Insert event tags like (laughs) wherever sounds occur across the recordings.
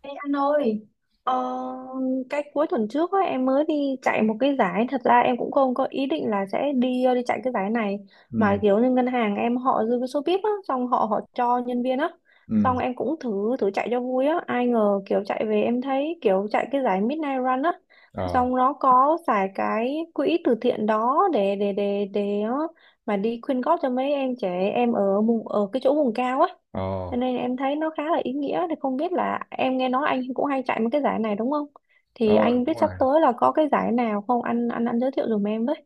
Ê anh ơi, ờ, cái cuối tuần trước á, em mới đi chạy một cái giải. Thật ra em cũng không có ý định là sẽ đi đi chạy cái giải này, mà Ừ, kiểu như ngân hàng em họ dư cái số VIP á, xong họ họ cho nhân viên á, ừ, xong em cũng thử thử chạy cho vui á. Ai ngờ kiểu chạy về em thấy kiểu chạy cái giải Midnight Run á, ờ, xong nó có xài cái quỹ từ thiện đó mà đi quyên góp cho mấy em trẻ em ở vùng, ở cái chỗ vùng cao á, ờ, cho nên em thấy nó khá là ý nghĩa. Thì không biết là, em nghe nói anh cũng hay chạy mấy cái giải này đúng không? Thì ờ, anh biết đúng rồi. sắp tới là có cái giải nào không? Anh giới thiệu giùm em với.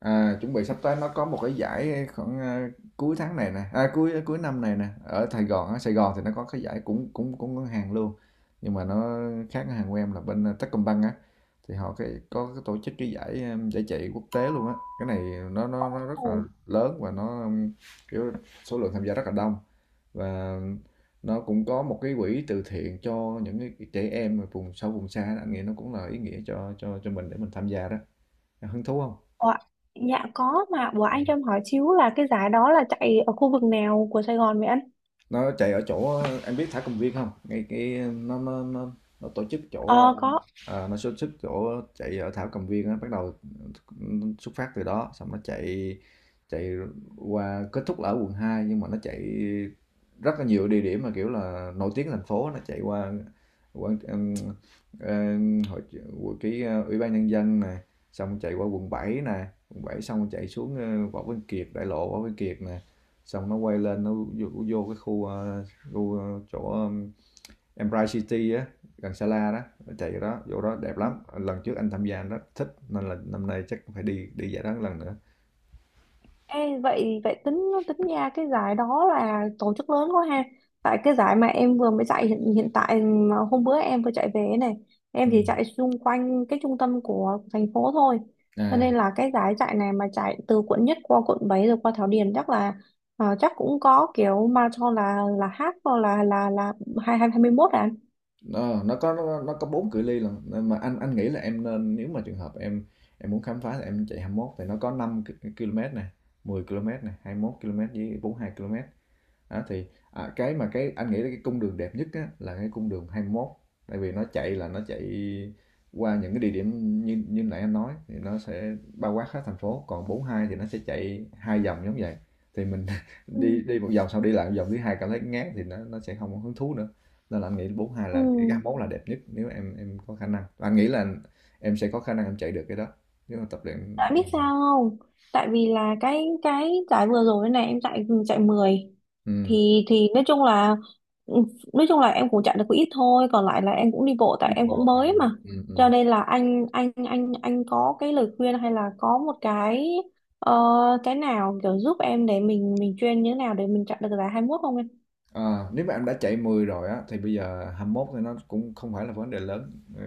À, chuẩn bị sắp tới nó có một cái giải khoảng cuối tháng này nè, cuối cuối năm này nè, ở Sài Gòn á. Sài Gòn thì nó có cái giải cũng cũng cũng ngân hàng luôn. Nhưng mà nó khác ngân hàng của em, là bên Techcombank á, thì họ cái có cái tổ chức cái giải giải chạy quốc tế luôn á. Cái này nó rất là Ồ, lớn và nó kiểu số lượng tham gia rất là đông, và nó cũng có một cái quỹ từ thiện cho những cái trẻ em ở vùng sâu vùng xa đó. Anh nghĩ nó cũng là ý nghĩa cho mình để mình tham gia đó. Hứng thú không? ủa, dạ có mà, ủa anh cho em hỏi xíu là cái giải đó là chạy ở khu vực nào của Sài Gòn vậy anh? Nó chạy ở chỗ em biết thả cầm viên không, ngay cái nó tổ chức chỗ Ờ có. Nó tổ chức chỗ chạy ở thảo cầm viên á, bắt đầu xuất phát từ đó, xong nó chạy chạy qua, kết thúc là ở quận 2, nhưng mà nó chạy rất là nhiều địa điểm mà kiểu là nổi tiếng thành phố. Nó chạy qua quận hội cái ủy ban nhân dân này, xong chạy qua quận bảy, xong chạy xuống Võ Văn Kiệt, đại lộ Võ Văn Kiệt nè, xong nó quay lên, nó vô cái khu khu chỗ Empire City á, gần Sala đó. Chạy đó, chỗ đó đẹp lắm, lần trước anh tham gia anh thích, nên là năm nay chắc phải đi đi giải đó một lần nữa. Ê, vậy vậy tính tính ra cái giải đó là tổ chức lớn quá ha. Tại cái giải mà em vừa mới chạy hiện tại, mà hôm bữa em vừa chạy về ấy này, Ừ. em chỉ chạy xung quanh cái trung tâm của thành phố thôi. Cho À, nên là cái giải chạy này mà chạy từ quận nhất qua quận 7 rồi qua Thảo Điền chắc là, chắc cũng có kiểu marathon là half hoặc là hai hai hai mươi mốt à anh? nó có 4 cự ly lần, nên mà anh nghĩ là em nên, nếu mà trường hợp em muốn khám phá, thì em chạy 21. Thì nó có km nè, 10 km nè, 21 km với 42 km. Đó, thì, à, cái mà cái anh nghĩ là cái cung đường đẹp nhất á, là cái cung đường 21, tại vì nó chạy qua những cái địa điểm như như nãy anh nói, thì nó sẽ bao quát hết thành phố. Còn 42 thì nó sẽ chạy hai vòng giống vậy, thì mình (laughs) Ừ. đi đi một vòng xong đi lại một vòng thứ 2, cảm thấy ngán thì nó sẽ không có hứng thú nữa. Nên là anh nghĩ 42 Ừ. là cái 21 là đẹp nhất, nếu em có khả năng. Và anh nghĩ là em sẽ có khả năng em chạy được cái đó, nếu mà tập luyện. Tại biết sao không? Tại vì là cái giải vừa rồi này em chạy chạy mười, Ừ, thì nói chung là, ừ, nói chung là em cũng chạy được có ít thôi, còn lại là em cũng đi bộ đi tại em cũng bộ. mới mà. Ừ, ừ. Cho nên là anh có cái lời khuyên hay là có một cái, ờ, cái nào kiểu giúp em để mình chuyên như thế nào để mình chạy được giải hai mốt không em? Ờ, nếu mà em đã chạy 10 rồi á, thì bây giờ 21 thì nó cũng không phải là vấn đề lớn, ừ,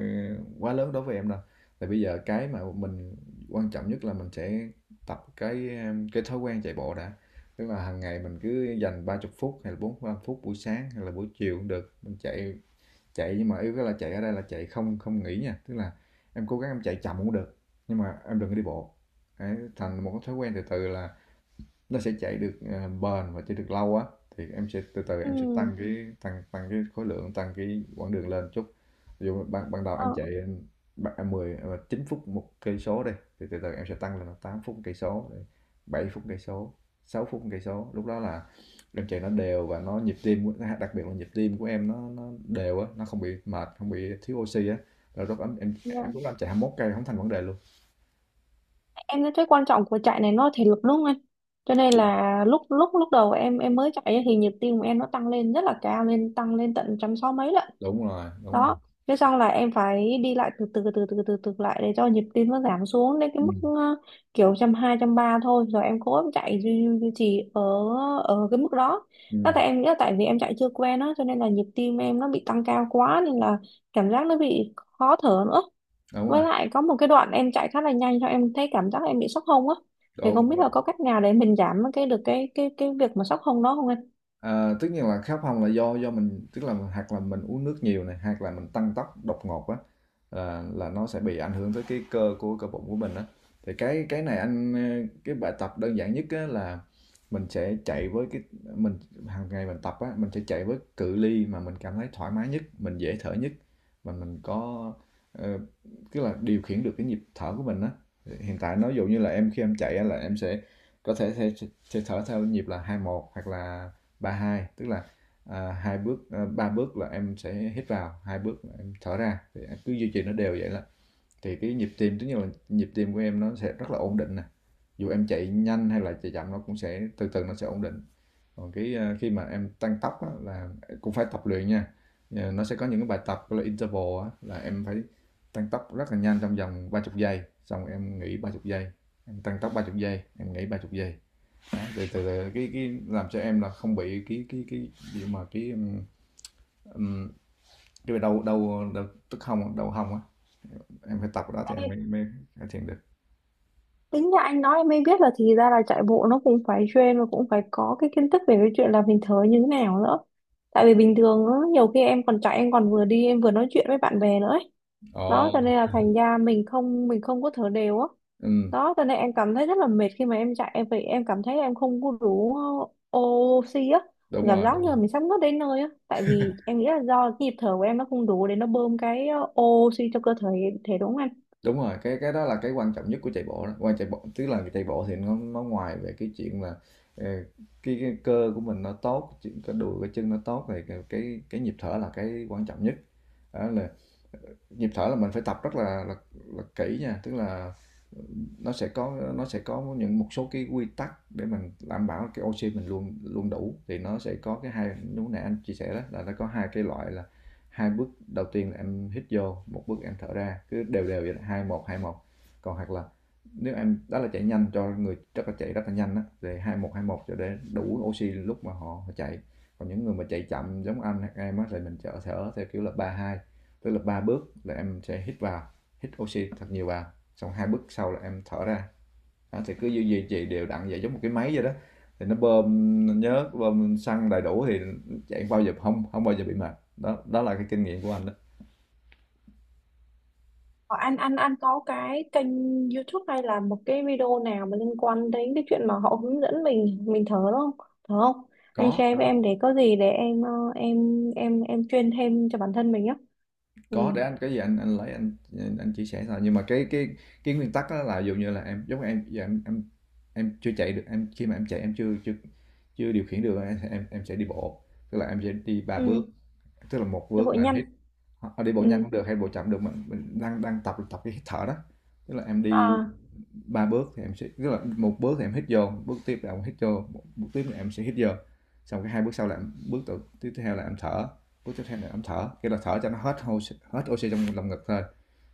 quá lớn đối với em đâu. Tại bây giờ cái mà mình quan trọng nhất là mình sẽ tập cái thói quen chạy bộ đã. Tức là hàng ngày mình cứ dành 30 phút hay là 45 phút, buổi sáng hay là buổi chiều cũng được. Mình chạy chạy nhưng mà yếu cái là chạy ở đây là chạy không không nghỉ nha. Tức là em cố gắng em chạy chậm cũng được, nhưng mà em đừng có đi bộ. Đấy, thành một cái thói quen từ từ là nó sẽ chạy được, à, bền và chạy được lâu á, thì em sẽ từ từ Ừ. em sẽ tăng cái khối lượng, tăng cái quãng đường lên chút. Ví dụ ban ban đầu em Ờ. chạy, 10, 9 phút một cây số đi, thì từ từ em sẽ tăng lên là 8 phút 1 cây số, rồi 7 phút 1 cây số, 6 phút 1 cây số. Lúc đó là em chạy nó đều, và nhịp tim của, đặc biệt là nhịp tim của em, nó đều á, nó không bị mệt, không bị thiếu oxy á, rồi lúc đó em Dạ. em lúc đó em chạy 21 cây không thành vấn đề luôn. Em thấy cái quan trọng của chạy này nó là thể lực đúng không anh? Cho nên Đúng, là lúc lúc lúc đầu em mới chạy ấy thì nhịp tim của em nó tăng lên rất là cao, lên tăng lên tận trăm sáu mấy lận. đúng rồi, đúng rồi. Đó, thế xong là em phải đi lại từ từ từ từ từ từ lại để cho nhịp tim nó giảm xuống đến cái mức, Ừm, kiểu trăm hai trăm ba thôi, rồi em cố em chạy duy, duy duy trì ở ở cái mức đó. Đó, ừm, tại em nghĩ là tại vì em chạy chưa quen á, cho nên là nhịp tim em nó bị tăng cao quá nên là cảm giác nó bị khó thở nữa. đúng Với rồi, lại có một cái đoạn em chạy khá là nhanh cho em thấy cảm giác em bị sốc hông á, thì đúng. không biết là có cách nào để mình giảm cái được cái cái việc mà sốc hông đó không Ờ, tất nhiên là khát phòng là do mình, tức là hoặc là mình uống nước nhiều này, hoặc là mình tăng tốc đột ngột á, là nó sẽ bị ảnh hưởng tới cái cơ, của cơ bụng của mình á. Thì cái này anh, ờ, cái bài tập đơn giản nhất á là mình sẽ chạy với cái mình hàng ngày mình tập á, mình sẽ chạy với cự ly mà mình cảm thấy thoải mái nhất, mình dễ thở nhất, mà mình có, ờ, tức là điều khiển được cái nhịp thở của mình á. Hiện tại nói dụ như là em, khi em chạy á, là em sẽ có thể, thể, sẽ thở theo nhịp là hai một, hoặc là ba hai, tức là ba bước là em sẽ hít vào, hai bước là em thở ra, thì em cứ duy trì nó đều vậy là thì cái nhịp tim, tức là nhịp tim của em nó sẽ rất là ổn định nè, dù em chạy nhanh hay là chạy chậm nó cũng sẽ từ từ nó sẽ ổn định. Còn cái, à, khi mà em tăng tốc á, là cũng phải tập luyện nha. Ờ, nó sẽ có những cái bài tập gọi là interval á, là em phải tăng tốc rất là nhanh trong vòng 30 giây, xong em nghỉ 30 giây, em tăng tốc 30 giây, em nghỉ 30 giây đó, để cái làm cho em là không bị cái gì mà cái đau đau đau tức hông, đau hông á. Em phải tập cái đó thì em anh? mới mới cải thiện được. Tính ra anh nói em mới biết là thì ra là chạy bộ nó cũng phải train, và cũng phải có cái kiến thức về cái chuyện là mình thở như thế nào nữa. Tại vì bình thường á, nhiều khi em còn chạy em còn vừa đi em vừa nói chuyện với bạn bè nữa ấy. Đó Ồ. cho nên là thành ra mình không có thở đều á. Ừm. Đó cho nên em cảm thấy rất là mệt. Khi mà em chạy em vậy em cảm thấy em không có đủ oxy á. Đúng Cảm rồi, giác đúng như rồi, là mình sắp ngất đến nơi á. Tại vì em nghĩ là do cái nhịp thở của em nó không đủ để nó bơm cái oxy cho cơ thể, thể đúng không anh? đúng rồi. Cái đó là cái quan trọng nhất của chạy bộ đó, quan chạy bộ tức là chạy bộ thì nó ngoài về cái chuyện là, ờ, cái cơ của mình nó tốt, chuyện cái đùi cái chân nó tốt, thì cái nhịp thở là cái quan trọng nhất. Đó là nhịp thở là mình phải tập rất là là kỹ nha, tức là nó sẽ có những một số cái quy tắc để mình đảm bảo cái oxy mình luôn luôn đủ. Thì nó sẽ có cái hai, lúc nãy anh chia sẻ đó là nó có hai cái loại là, hai bước đầu tiên là em hít vô, một bước em thở ra, cứ đều đều vậy, hai một hai một. Còn hoặc là nếu em đó là chạy nhanh, cho người rất là chạy rất là nhanh á, thì hai một cho để đủ oxy lúc mà họ chạy. Còn những người mà chạy chậm giống anh hay em á, thì mình thở theo kiểu là ba hai, tức là ba bước là em sẽ hít vào, hít oxy thật nhiều vào, xong hai bước sau là em thở ra. Đó, thì cứ duy duy trì đều đặn vậy, giống một cái máy vậy đó, thì nó bơm, nó nhớ bơm xăng đầy đủ thì chạy bao giờ không không bao giờ bị mệt đó. Đó là cái kinh nghiệm của anh đó. Ờ, anh có cái kênh YouTube hay là một cái video nào mà liên quan đến cái chuyện mà họ hướng dẫn mình thở đúng không? Thở không? Anh có share với có em để có gì để em, em em chuyên thêm cho bản thân mình á. Ừ. có, để anh cái gì anh lấy anh, chia sẻ thôi. Nhưng mà cái nguyên tắc đó là ví dụ như là em, giống em giờ chưa chạy được em, khi mà em chạy em chưa chưa chưa điều khiển được em sẽ đi bộ, tức là em sẽ đi ba Ừ. bước, tức là một Cho bước bụi là nhanh. hít. Hoặc đi bộ nhanh Ừ. không được, hay bộ chậm cũng được, mình đang đang tập tập cái hít thở đó. Tức là em đi À. 3 bước, thì em sẽ, tức là một bước thì em hít vô, bước tiếp là em hít vô, một bước tiếp là em sẽ hít vô. Xong cái hai bước sau là em, tiếp theo là em thở, bước tiếp theo là em thở, cái là thở cho nó hết oxy trong lồng ngực thôi.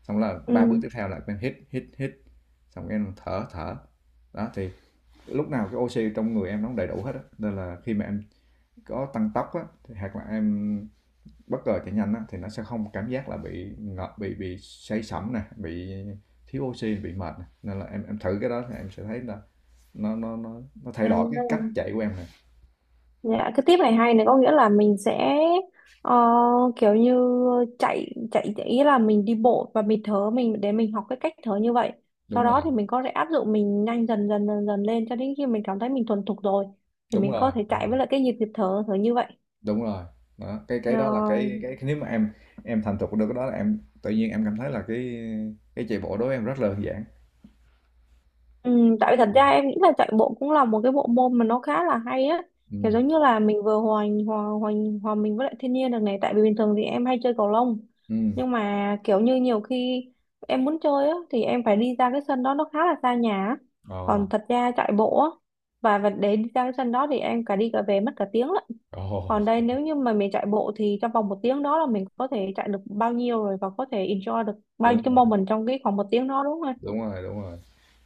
Xong là ba bước Ừ. tiếp theo là em hít hít hít, xong cái em thở thở. Đó thì lúc nào cái oxy trong người em nó cũng đầy đủ hết á. Nên là khi mà em có tăng tốc á, thì hoặc là em bất ngờ chạy nhanh á, thì nó sẽ không cảm giác là bị ngợp, bị say sẩm nè, bị thiếu oxy, bị mệt nè. Nên là em thử cái đó thì em sẽ thấy là nó thay đổi cái cách À. chạy của em này. Dạ, cái tiếp này hay này, có nghĩa là mình sẽ, ờ, kiểu như chạy chạy chạy- ý là mình đi bộ và mình thở, mình để mình học cái cách thở như vậy. Sau Đúng rồi, đó thì mình có thể áp dụng mình nhanh dần dần lên cho đến khi mình cảm thấy mình thuần thục rồi thì đúng mình có rồi, thể đúng chạy rồi, với lại cái nhịp nhịp thở thở như vậy. đúng rồi. Đó, Ờ, cái đó là cái, nếu mà em thành thục được cái đó là em tự nhiên em cảm thấy là cái chạy bộ đối với em rất là đơn giản. ừ, tại vì thật ra em nghĩ là chạy bộ cũng là một cái bộ môn mà nó khá là hay á, kiểu Ừ, giống như là mình vừa hòa mình với lại thiên nhiên được này. Tại vì bình thường thì em hay chơi cầu lông, ừ, nhưng mà kiểu như nhiều khi em muốn chơi á thì em phải đi ra cái sân đó, nó khá là xa nhà á. ờ, Còn thật ra chạy bộ á, và để đi ra cái sân đó thì em cả đi cả về mất cả tiếng lận. ồ, Còn đây nếu như mà mình chạy bộ thì trong vòng một tiếng đó là mình có thể chạy được bao nhiêu rồi, và có thể enjoy được bao đúng, nhiêu cái moment trong cái khoảng một tiếng đó, đúng không em? đúng rồi, đúng rồi.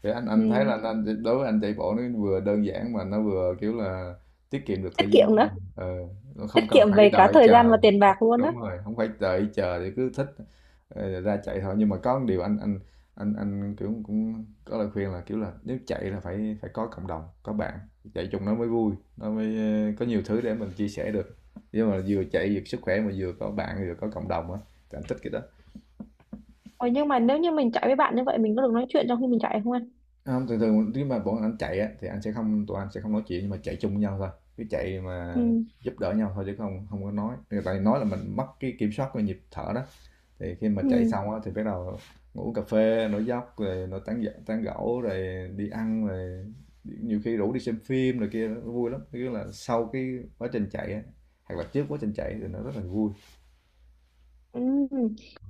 Thì anh thấy Ừ. là anh, đối với anh chạy bộ nó vừa đơn giản mà nó vừa kiểu là tiết kiệm được Tiết thời gian của kiệm nữa. mình. Ờ, nó Tiết không cần kiệm phải về cả đợi thời gian chờ. và tiền bạc luôn á. Đúng rồi, không phải đợi chờ, thì cứ thích, ờ, ra chạy thôi. Nhưng mà có một điều anh kiểu cũng có lời khuyên là kiểu là, nếu chạy là phải phải có cộng đồng, có bạn chạy chung, nó mới vui, nó mới, ờ, có nhiều thứ để mình chia sẻ được. Nhưng mà vừa chạy vừa sức khỏe, mà vừa có bạn vừa có cộng đồng á, thì anh thích cái đó. Ờ, nhưng mà nếu như mình chạy với bạn như vậy, mình có được nói chuyện trong khi mình chạy không anh? Không, thường thường nếu mà bọn anh chạy á, thì anh sẽ không, tụi anh sẽ không nói chuyện, nhưng mà chạy chung với nhau thôi, cứ chạy Ừ. mà giúp đỡ nhau thôi, chứ không không có nói. Tại vì nói là mình mất cái kiểm soát về nhịp thở đó. Thì khi mà Ừ. chạy xong á, thì bắt đầu ngủ cà phê, nói dốc rồi, tán gẫu rồi, đi ăn rồi, nhiều khi rủ đi xem phim rồi, kia nó vui lắm. Tức là sau cái quá trình chạy á, hoặc là trước quá trình chạy thì nó rất là vui. Ừ.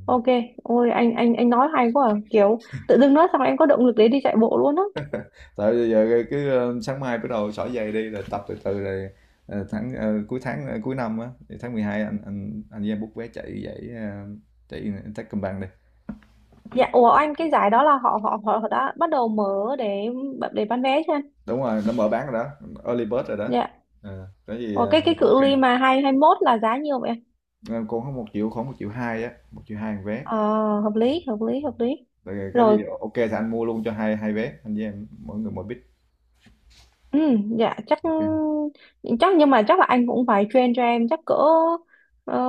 Ok. Ôi, anh nói hay quá à. Kiểu tự dưng nói xong em có động lực để đi chạy bộ luôn á. Tại bây giờ cái, ờ, sáng mai bắt đầu xỏ giày đi rồi, tập từ từ rồi, cuối năm á, thì tháng 12 anh với em book vé chạy giải, chạy Techcombank đi. Dạ, ủa anh, cái giải đó là họ họ họ họ đã bắt đầu mở để bán vé chưa anh? Đúng rồi, nó mở bán rồi đó, early bird rồi đó. Dạ. Ờ, có gì Ủa, ờ, cái ok. cự ly mà hai hai mốt là giá nhiều vậy? Ờ, cô có 1.000.000, khoảng 1.200.000 một vé. Ờ, hợp lý Rồi có rồi. gì ok thì anh mua luôn cho hai hai vé, anh với em mỗi người mỗi bit. Ừ, dạ chắc, Ok. chắc nhưng mà chắc là anh cũng phải train cho em, chắc cỡ, ờ,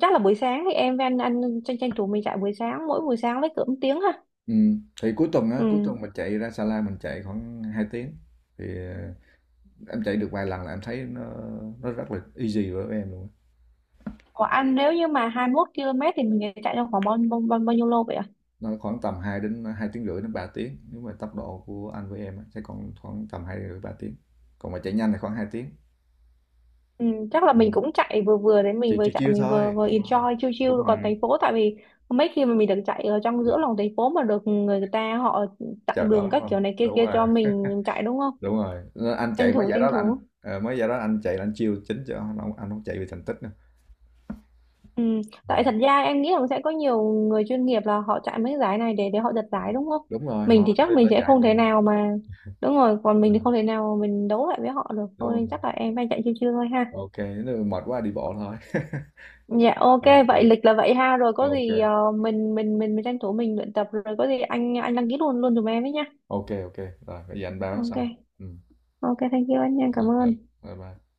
chắc là buổi sáng thì em với anh, tranh tranh thủ mình chạy buổi sáng, mỗi buổi sáng với cỡ một tiếng ha. Ừ. Thì cuối tuần á, cuối Ừ. tuần mình chạy ra Sa La mình chạy khoảng 2 tiếng, thì ờ, em chạy được vài lần là em thấy nó rất là easy với em luôn á. Của anh nếu như mà 21 km thì mình chạy trong khoảng bao nhiêu lô vậy ạ? Nó khoảng tầm 2 đến 2 tiếng rưỡi đến 3 tiếng, nếu mà tốc độ của anh với em á, sẽ còn khoảng tầm 2 rưỡi 3 tiếng. Còn mà chạy nhanh thì khoảng 2 tiếng. Ừ, chắc là mình cũng chạy vừa vừa đấy, mình Chỉ vừa chiêu chạy chiêu mình vừa thôi. vừa Đúng rồi, enjoy chill chill đúng còn rồi. thành phố, tại vì mấy khi mà mình được chạy ở trong Được. giữa lòng thành phố mà được người ta họ Chào chặn đó đường đúng các không? kiểu này kia Đúng kia rồi, cho mình chạy đúng không? đúng rồi. Nên anh Tranh chạy mấy thủ giải đó là anh, ờ, mấy giải đó anh chạy là anh chiêu chính cho anh không chạy vì thành tích nữa. Ừ. Ừ. Tại thật ra em nghĩ rằng sẽ có nhiều người chuyên nghiệp là họ chạy mấy cái giải này để họ giật giải đúng không? Đúng rồi, Mình thì họ chắc đây mình là sẽ giải không thể mà. nào mà đúng rồi, còn mình thì không thể nào mà mình đấu lại với họ được Đúng thôi, nên không? chắc là em phải chạy chiêu chiêu thôi ha. Ok, nếu mà mệt quá đi bộ thôi. (laughs) Dạ ok, Ok, vậy lịch là vậy ha, rồi có gì ok mình tranh thủ mình luyện tập, rồi có gì anh đăng ký luôn luôn giùm em ấy nha. Ok, rồi bây giờ anh báo Ok. xong. Ừ. Ok, thank you anh nha, cảm Rồi, rồi. ơn. Bye bye.